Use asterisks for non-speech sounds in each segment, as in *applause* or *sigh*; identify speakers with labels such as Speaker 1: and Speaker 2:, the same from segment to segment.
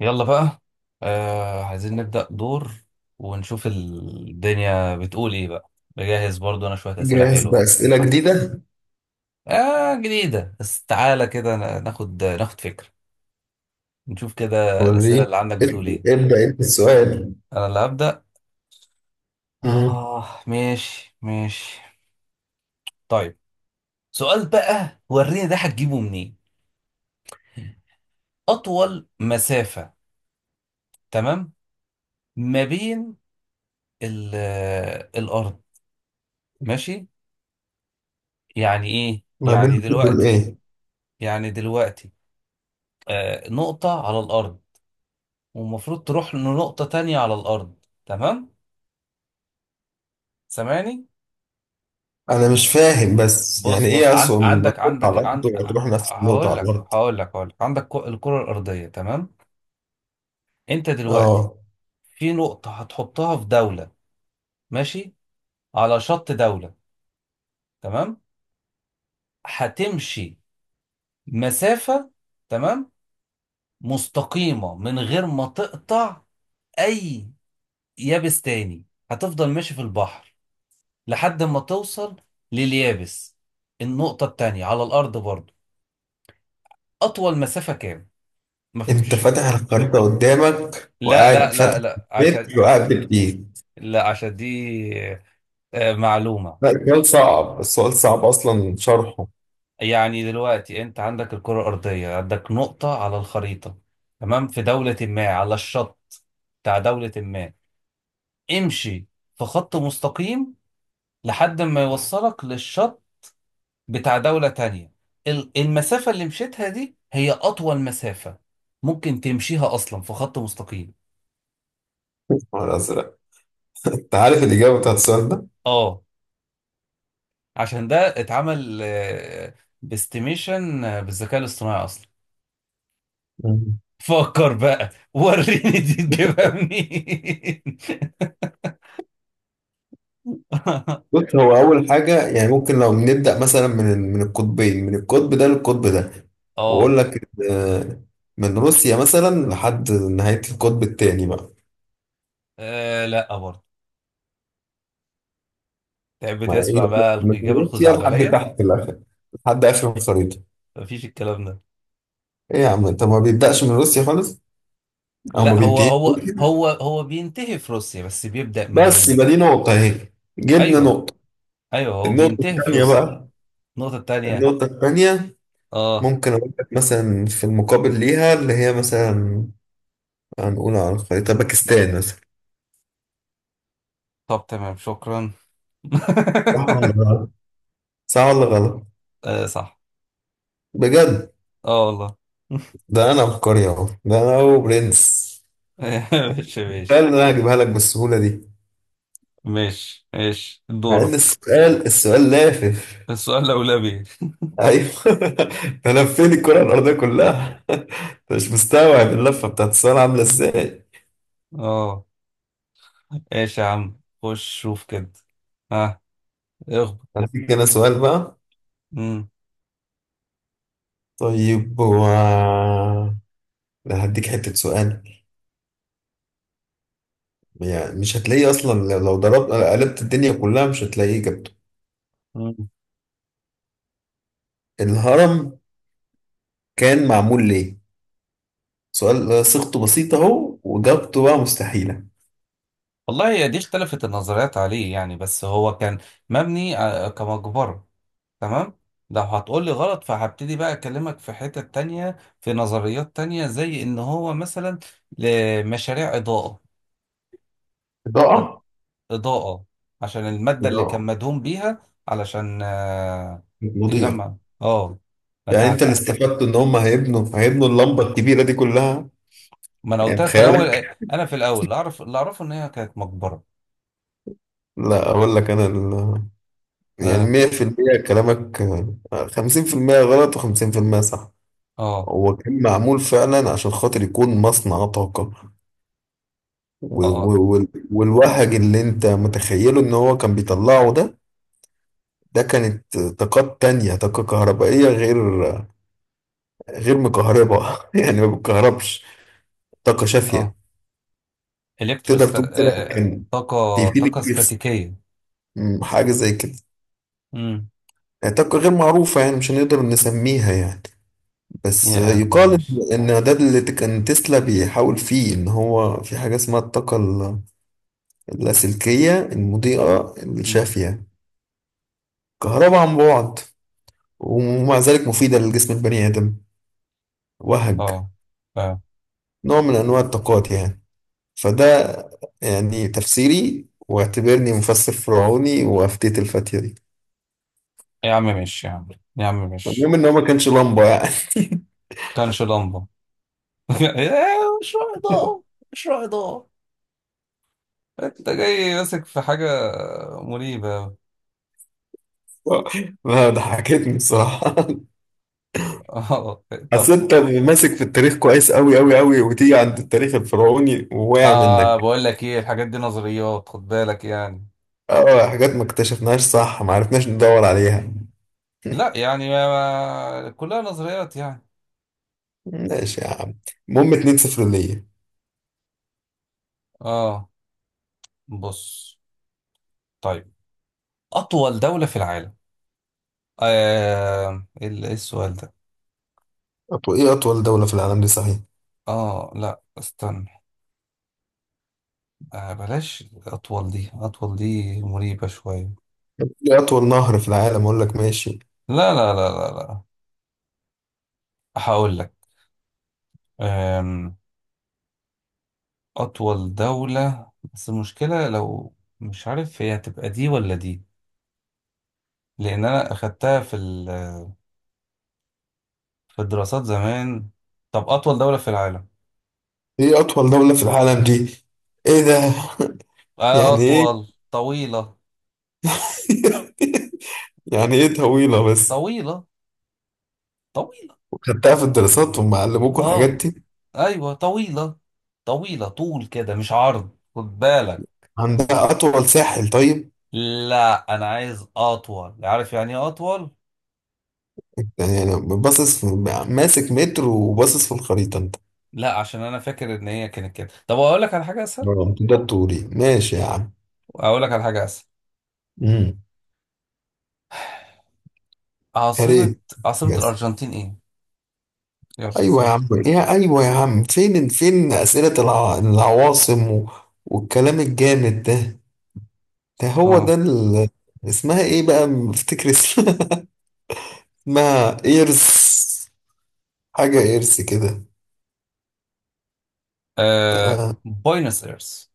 Speaker 1: يلا بقى. عايزين نبدأ دور ونشوف الدنيا بتقول ايه بقى. بجهز برضو انا شوية أسئلة
Speaker 2: جاهز
Speaker 1: حلوة.
Speaker 2: بأسئلة جديدة.
Speaker 1: آه جديدة، بس تعالى كده ناخد فكرة، نشوف كده الأسئلة
Speaker 2: وريني.
Speaker 1: اللي عندك بتقول ايه.
Speaker 2: ابدأ انت السؤال.
Speaker 1: انا اللي هبدأ.
Speaker 2: مم.
Speaker 1: اه، ماشي ماشي. طيب، سؤال بقى وريني ده هتجيبه منين. أطول مسافة، تمام، ما بين ال- الأرض. ماشي، يعني ايه
Speaker 2: ما
Speaker 1: يعني
Speaker 2: بين دول
Speaker 1: دلوقتي؟
Speaker 2: ايه؟
Speaker 1: يعني دلوقتي نقطة على الأرض، والمفروض تروح لنقطة تانية على الأرض، تمام. سامعني؟
Speaker 2: انا مش فاهم، بس يعني
Speaker 1: بص بص،
Speaker 2: ايه اصلا ما تروح
Speaker 1: عندك
Speaker 2: على الارض
Speaker 1: عن...
Speaker 2: وتروح نفس النقطة على الارض؟
Speaker 1: هقول لك عندك الكرة الأرضية، تمام. أنت دلوقتي
Speaker 2: اه،
Speaker 1: في نقطة هتحطها في دولة، ماشي، على شط دولة، تمام. هتمشي مسافة، تمام، مستقيمة، من غير ما تقطع أي يابس تاني. هتفضل ماشي في البحر لحد ما توصل لليابس، النقطة التانية على الأرض برضو. أطول مسافة كام؟ ما
Speaker 2: انت
Speaker 1: فهمتش.
Speaker 2: فاتح الخريطة قدامك
Speaker 1: لا لا
Speaker 2: وقاعد
Speaker 1: لا
Speaker 2: فاتح
Speaker 1: لا، عشان
Speaker 2: متر وقاعد بالايد؟
Speaker 1: لا عشان دي معلومة.
Speaker 2: لا، السؤال صعب، السؤال صعب اصلا شرحه.
Speaker 1: يعني دلوقتي أنت عندك الكرة الأرضية، عندك نقطة على الخريطة، تمام، في دولة ما على الشط بتاع دولة ما. امشي في خط مستقيم لحد ما يوصلك للشط بتاع دولة تانية. المسافة اللي مشيتها دي هي أطول مسافة ممكن تمشيها أصلا في خط مستقيم.
Speaker 2: الازرق. *laughs* انت عارف الاجابة بتاعت السؤال
Speaker 1: اه، عشان ده اتعمل باستيميشن بالذكاء الاصطناعي أصلا.
Speaker 2: ده؟
Speaker 1: فكر بقى وريني دي تجيبها منين. *laughs*
Speaker 2: بص، هو أول حاجة يعني ممكن لو نبدأ مثلا من القطبين، من القطب ده للقطب ده،
Speaker 1: اه،
Speaker 2: وأقول لك من روسيا مثلا لحد نهاية القطب التاني بقى.
Speaker 1: آه، لا برضه. تحب
Speaker 2: ما إيه
Speaker 1: تسمع
Speaker 2: بقى؟
Speaker 1: بقى
Speaker 2: من
Speaker 1: الإجابة
Speaker 2: روسيا لحد
Speaker 1: الخزعبلية؟
Speaker 2: تحت الآخر، لحد آخر الخريطة.
Speaker 1: مفيش الكلام ده.
Speaker 2: إيه يا عم، أنت ما بيبدأش من روسيا خالص، أو ما
Speaker 1: لا،
Speaker 2: بينتهيش،
Speaker 1: هو بينتهي في روسيا، بس بيبدأ
Speaker 2: بس
Speaker 1: منين.
Speaker 2: يبقى دي نقطة أهي، جبنا
Speaker 1: ايوه،
Speaker 2: نقطة.
Speaker 1: ايوه، هو
Speaker 2: النقطة
Speaker 1: بينتهي في
Speaker 2: التانية
Speaker 1: روسيا.
Speaker 2: بقى.
Speaker 1: النقطة التانية،
Speaker 2: النقطة التانية
Speaker 1: اه.
Speaker 2: ممكن أقول لك مثلا في المقابل ليها، اللي هي مثلا هنقول على الخريطة باكستان مثلا.
Speaker 1: طب تمام، شكرا. *laughs*
Speaker 2: آه. صح ولا غلط؟
Speaker 1: آه صح،
Speaker 2: بجد؟
Speaker 1: اه والله.
Speaker 2: ده انا عبقري اهو، ده انا هو برنس.
Speaker 1: *laughs* ماشي
Speaker 2: السؤال
Speaker 1: ماشي.
Speaker 2: اللي انا هجيبها لك بالسهوله دي،
Speaker 1: ماشي ماشي،
Speaker 2: مع ان
Speaker 1: دورك.
Speaker 2: السؤال لافف.
Speaker 1: السؤال الأولاني.
Speaker 2: ايوه. *laughs* ده لفيني الكره الارضيه كلها. *laughs* انت مش مستوعب اللفه بتاعت السؤال عامله ازاي.
Speaker 1: اه، ماشي يا عم، خش شوف كده. ها، اخبط.
Speaker 2: هديك انا سؤال بقى.
Speaker 1: مم.
Speaker 2: طيب هو، لا هديك حته سؤال يعني مش هتلاقيه اصلا، لو ضربت قلبت الدنيا كلها مش هتلاقيه اجابته.
Speaker 1: مم.
Speaker 2: الهرم كان معمول ليه؟ سؤال صيغته بسيطه اهو، واجابته بقى مستحيله.
Speaker 1: والله، هي دي اختلفت النظريات عليه يعني، بس هو كان مبني كمقبرة، تمام. لو هتقول لي غلط، فهبتدي بقى أكلمك في حتة تانية، في نظريات تانية، زي إن هو مثلا لمشاريع إضاءة، كانت
Speaker 2: إضاءة؟
Speaker 1: إضاءة، عشان المادة اللي كان
Speaker 2: إضاءة
Speaker 1: مدهون بيها علشان
Speaker 2: مضيئة؟
Speaker 1: تجمع، اه،
Speaker 2: يعني أنت اللي
Speaker 1: بتعتقة.
Speaker 2: استفدته إن هم هيبنوا اللمبة الكبيرة دي كلها.
Speaker 1: ما انا
Speaker 2: يعني
Speaker 1: قلت لك في الاول،
Speaker 2: بخيالك.
Speaker 1: انا في الاول اللي اعرفه ان هي كانت مقبرة.
Speaker 2: لا أقول لك، يعني
Speaker 1: اه
Speaker 2: 100% كلامك، 50% غلط و50% صح.
Speaker 1: اه
Speaker 2: هو كان معمول فعلا عشان خاطر يكون مصنع طاقة،
Speaker 1: اه اه.
Speaker 2: والوهج اللي أنت متخيله إن هو كان بيطلعه ده، ده كانت طاقات تانية، طاقة كهربائية غير، غير مكهربة، *laughs* يعني ما بتكهربش. طاقة شافية.
Speaker 1: آه.
Speaker 2: تقدر
Speaker 1: الكتروست،
Speaker 2: تقول كده، كان
Speaker 1: طاقة
Speaker 2: بيفيدك كتير،
Speaker 1: استاتيكية.
Speaker 2: مم، حاجة زي كده.
Speaker 1: امم.
Speaker 2: طاقة غير معروفة يعني، مش هنقدر نسميها يعني، بس
Speaker 1: يا عم
Speaker 2: يقال
Speaker 1: ماشي.
Speaker 2: إن ده اللي كان تسلا بيحاول فيه، إن هو في حاجة اسمها اللاسلكية، المضيئة،
Speaker 1: امم.
Speaker 2: الشافية، كهرباء عن بعد، ومع ذلك مفيدة لجسم البني آدم. وهج.
Speaker 1: اه اه.
Speaker 2: نوع من أنواع الطاقات يعني. فده يعني تفسيري، واعتبرني مفسر فرعوني وأفتيت الفتية دي.
Speaker 1: يا عم ماشي يا عم. يا عم ماشي.
Speaker 2: المهم إن هو ما كانش لمبة يعني. *laughs*
Speaker 1: كانش لمبة. *laughs* إيه، مشروع إضاءة، مشروع إضاءة. *laughs* انت جاي ماسك في حاجة مريبة.
Speaker 2: ما ضحكتني الصراحة. *laughs*
Speaker 1: اه،
Speaker 2: أصل
Speaker 1: طب،
Speaker 2: أنت ماسك في التاريخ كويس أوي أوي أوي، وتيجي عند التاريخ الفرعوني وواقع منك.
Speaker 1: بقول لك ايه، الحاجات دي نظريات، خد بالك يعني.
Speaker 2: أه، حاجات ما اكتشفناهاش صح، ما عرفناش ندور عليها.
Speaker 1: لا يعني ما، كلها نظريات يعني.
Speaker 2: ماشي يا عم. المهم 2-0 ليا.
Speaker 1: اه، بص، طيب. اطول دولة في العالم. إيه إيه السؤال ده؟
Speaker 2: أطول إيه؟ أطول دولة في العالم دي صحيح؟
Speaker 1: اه لا، استنى. بلاش اطول دي مريبة شوية.
Speaker 2: إيه أطول نهر في العالم أقول لك، ماشي.
Speaker 1: لا لا لا لا لا، هقول لك. آم، اطول دولة، بس المشكلة لو مش عارف هي هتبقى دي ولا دي، لان انا اخدتها في في الدراسات زمان. طب، أطول دولة في العالم.
Speaker 2: إيه أطول دولة في العالم دي؟ إيه ده؟ *laughs* يعني إيه؟
Speaker 1: أطول طويلة،
Speaker 2: *laughs* يعني إيه طويلة بس؟
Speaker 1: طويلة، طويلة.
Speaker 2: وخدتها في الدراسات وهم علموكوا الحاجات
Speaker 1: آه
Speaker 2: دي؟
Speaker 1: أيوة طويلة، طويلة، طول كده مش عرض، خد بالك.
Speaker 2: عندها أطول ساحل طيب؟
Speaker 1: لا، أنا عايز أطول، عارف يعني إيه أطول؟
Speaker 2: يعني انا باصص ماسك متر وباصص في الخريطه انت.
Speaker 1: لا، عشان أنا فاكر إن هي كانت كده. طب أقول لك على حاجة أسهل،
Speaker 2: اه ده الطولي، ماشي يا عم.
Speaker 1: أقول لك على حاجة أسهل.
Speaker 2: امم. يا
Speaker 1: عاصمة.
Speaker 2: ريت.
Speaker 1: عاصمة
Speaker 2: بس.
Speaker 1: الأرجنتين إيه؟ يلا
Speaker 2: ايوه يا
Speaker 1: سهل.
Speaker 2: عم، إيه يا، ايوه يا عم، فين العواصم والكلام الجامد ده، ده هو ده
Speaker 1: آه.
Speaker 2: اسمها ايه بقى؟ بفتكر اسمها، *laughs* اسمها ايرس، حاجه ايرس كده.
Speaker 1: آه.
Speaker 2: آه.
Speaker 1: بوينس إيرس.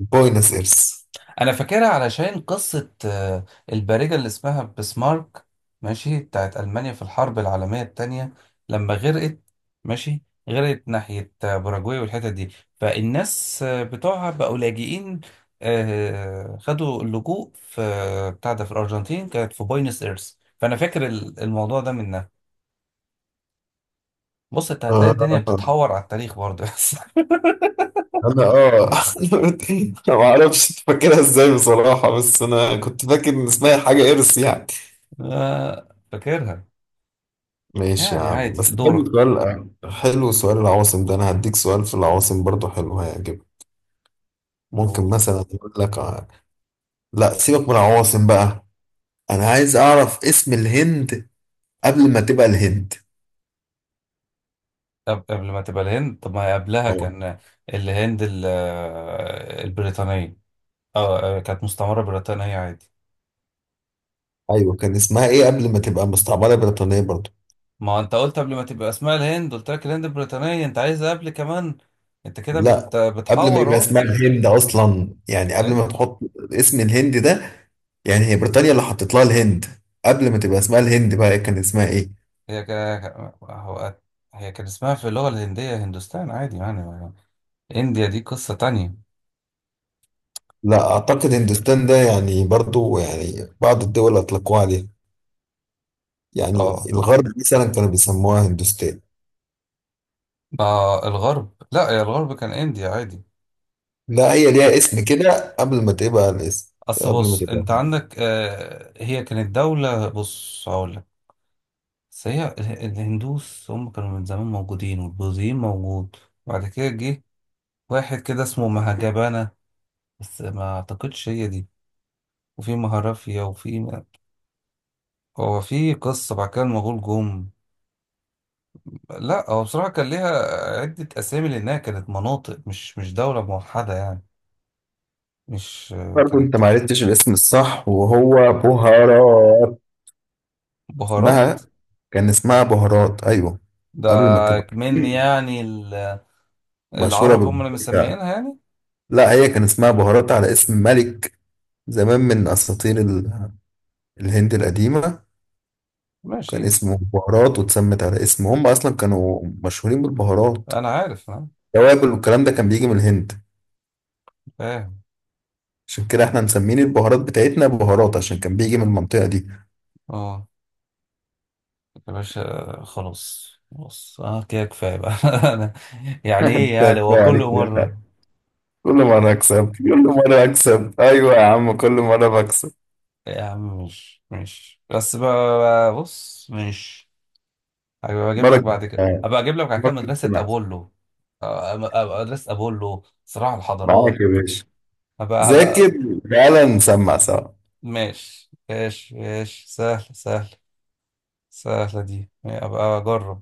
Speaker 2: بوينس ايرس.
Speaker 1: انا فاكرها علشان قصة البارجة اللي اسمها بسمارك، ماشي، بتاعت ألمانيا في الحرب العالمية التانية، لما غرقت، ماشي، غرقت ناحية باراجواي والحتت دي، فالناس بتوعها بقوا لاجئين، خدوا اللجوء في بتاع ده في الأرجنتين، كانت في بوينس إيرس، فأنا فاكر الموضوع ده منها. بص انت هتلاقي الدنيا
Speaker 2: آه.
Speaker 1: بتتحور على التاريخ برضه. *laughs* بس
Speaker 2: انا اه، *laughs* انا ما اعرفش إنت فاكرها ازاي بصراحه، بس انا كنت فاكر ان اسمها حاجه ارث يعني.
Speaker 1: فاكرها.
Speaker 2: ماشي يا
Speaker 1: يعني
Speaker 2: عم،
Speaker 1: عادي،
Speaker 2: بس حلو
Speaker 1: دورك.
Speaker 2: سؤال. حلو سؤال العواصم ده، انا هديك سؤال في العواصم برضو حلو هيعجبك. ممكن مثلا اقول لك لا سيبك من العواصم بقى. انا عايز اعرف اسم الهند قبل ما تبقى الهند.
Speaker 1: قبل ما تبقى الهند؟ طب ما هي قبلها
Speaker 2: اه.
Speaker 1: كان الهند البريطانية. اه، كانت مستعمرة بريطانية عادي.
Speaker 2: ايوه، كان اسمها ايه قبل ما تبقى مستعمره بريطانيه برضو؟
Speaker 1: ما انت قلت قبل ما تبقى اسمها الهند، قلت لك الهند البريطانية، انت عايز قبل كمان؟ انت كده
Speaker 2: لا قبل ما
Speaker 1: بتحور
Speaker 2: يبقى
Speaker 1: اهو.
Speaker 2: اسمها الهند اصلا، يعني قبل
Speaker 1: ايه؟
Speaker 2: ما تحط اسم الهند ده، يعني هي بريطانيا اللي حطت لها الهند، قبل ما تبقى اسمها الهند بقى كان اسمها ايه؟
Speaker 1: هي ك... هو... هي كان اسمها في اللغة الهندية هندوستان عادي يعني. انديا دي قصة تانية.
Speaker 2: لا اعتقد هندوستان ده يعني برضو، يعني بعض الدول اطلقوها عليها، يعني
Speaker 1: اه،
Speaker 2: الغرب مثلا كانوا بيسموها هندوستان.
Speaker 1: ما الغرب، لا، يا الغرب كان انديا عادي.
Speaker 2: لا هي ليها اسم كده قبل ما تبقى الاسم.
Speaker 1: اصل
Speaker 2: قبل ما
Speaker 1: بص،
Speaker 2: تبقى،
Speaker 1: انت عندك هي كانت دولة، بص هقول لك، بس هي الهندوس هم كانوا من زمان موجودين، والبوذيين موجود. وبعد كده جه واحد كده اسمه مهاجبانا، بس ما اعتقدش هي دي، وفي مهرافيا، وفي... هو في قصة بعد كده، المغول جم. لا هو بصراحة كان ليها عدة أسامي، لأنها كانت مناطق، مش دولة موحدة يعني، مش.
Speaker 2: برضو انت
Speaker 1: كانت
Speaker 2: ما عرفتش الاسم الصح وهو بهارات.
Speaker 1: بهارات
Speaker 2: اسمها، كان اسمها بهارات ايوه.
Speaker 1: ده،
Speaker 2: قبل ما تبقى
Speaker 1: من يعني
Speaker 2: مشهورة
Speaker 1: العرب هم اللي
Speaker 2: بالبابريكا.
Speaker 1: مسميينها يعني.
Speaker 2: لا هي كان اسمها بهارات على اسم ملك زمان من أساطير الهند القديمة، كان
Speaker 1: ماشي،
Speaker 2: اسمه بهارات واتسمت على اسمه، هم أصلا كانوا مشهورين بالبهارات.
Speaker 1: أنا عارف، أنا
Speaker 2: توابل والكلام ده كان بيجي من الهند،
Speaker 1: فاهم.
Speaker 2: عشان كده احنا مسمين البهارات بتاعتنا بهارات عشان كان بيجي من المنطقة دي.
Speaker 1: اه يا باشا، خلاص خلاص، اه كده كفايه بقى. *laughs* انا يعني
Speaker 2: *laughs*
Speaker 1: ايه
Speaker 2: انت
Speaker 1: يعني هو
Speaker 2: كفاية
Speaker 1: كل
Speaker 2: عليك كده بقى.
Speaker 1: مره؟
Speaker 2: كل مرة
Speaker 1: آه،
Speaker 2: أكسب، كل مرة أكسب، أيوة يا عم كل مرة بكسب.
Speaker 1: يا عم، مش بس بقى، بص مش.
Speaker 2: مرة كده.
Speaker 1: هبقى اجيب لك بعد كده
Speaker 2: مرة
Speaker 1: مدرسه
Speaker 2: كده.
Speaker 1: ابولو، أبقى مدرسه ابولو صراع الحضارات.
Speaker 2: معاك يا باشا.
Speaker 1: هبقى.
Speaker 2: ذاكر تعالى نسمع سوا.
Speaker 1: ماشي ماشي ماشي، سهل سهل. سهله دي، هبقى اجرب.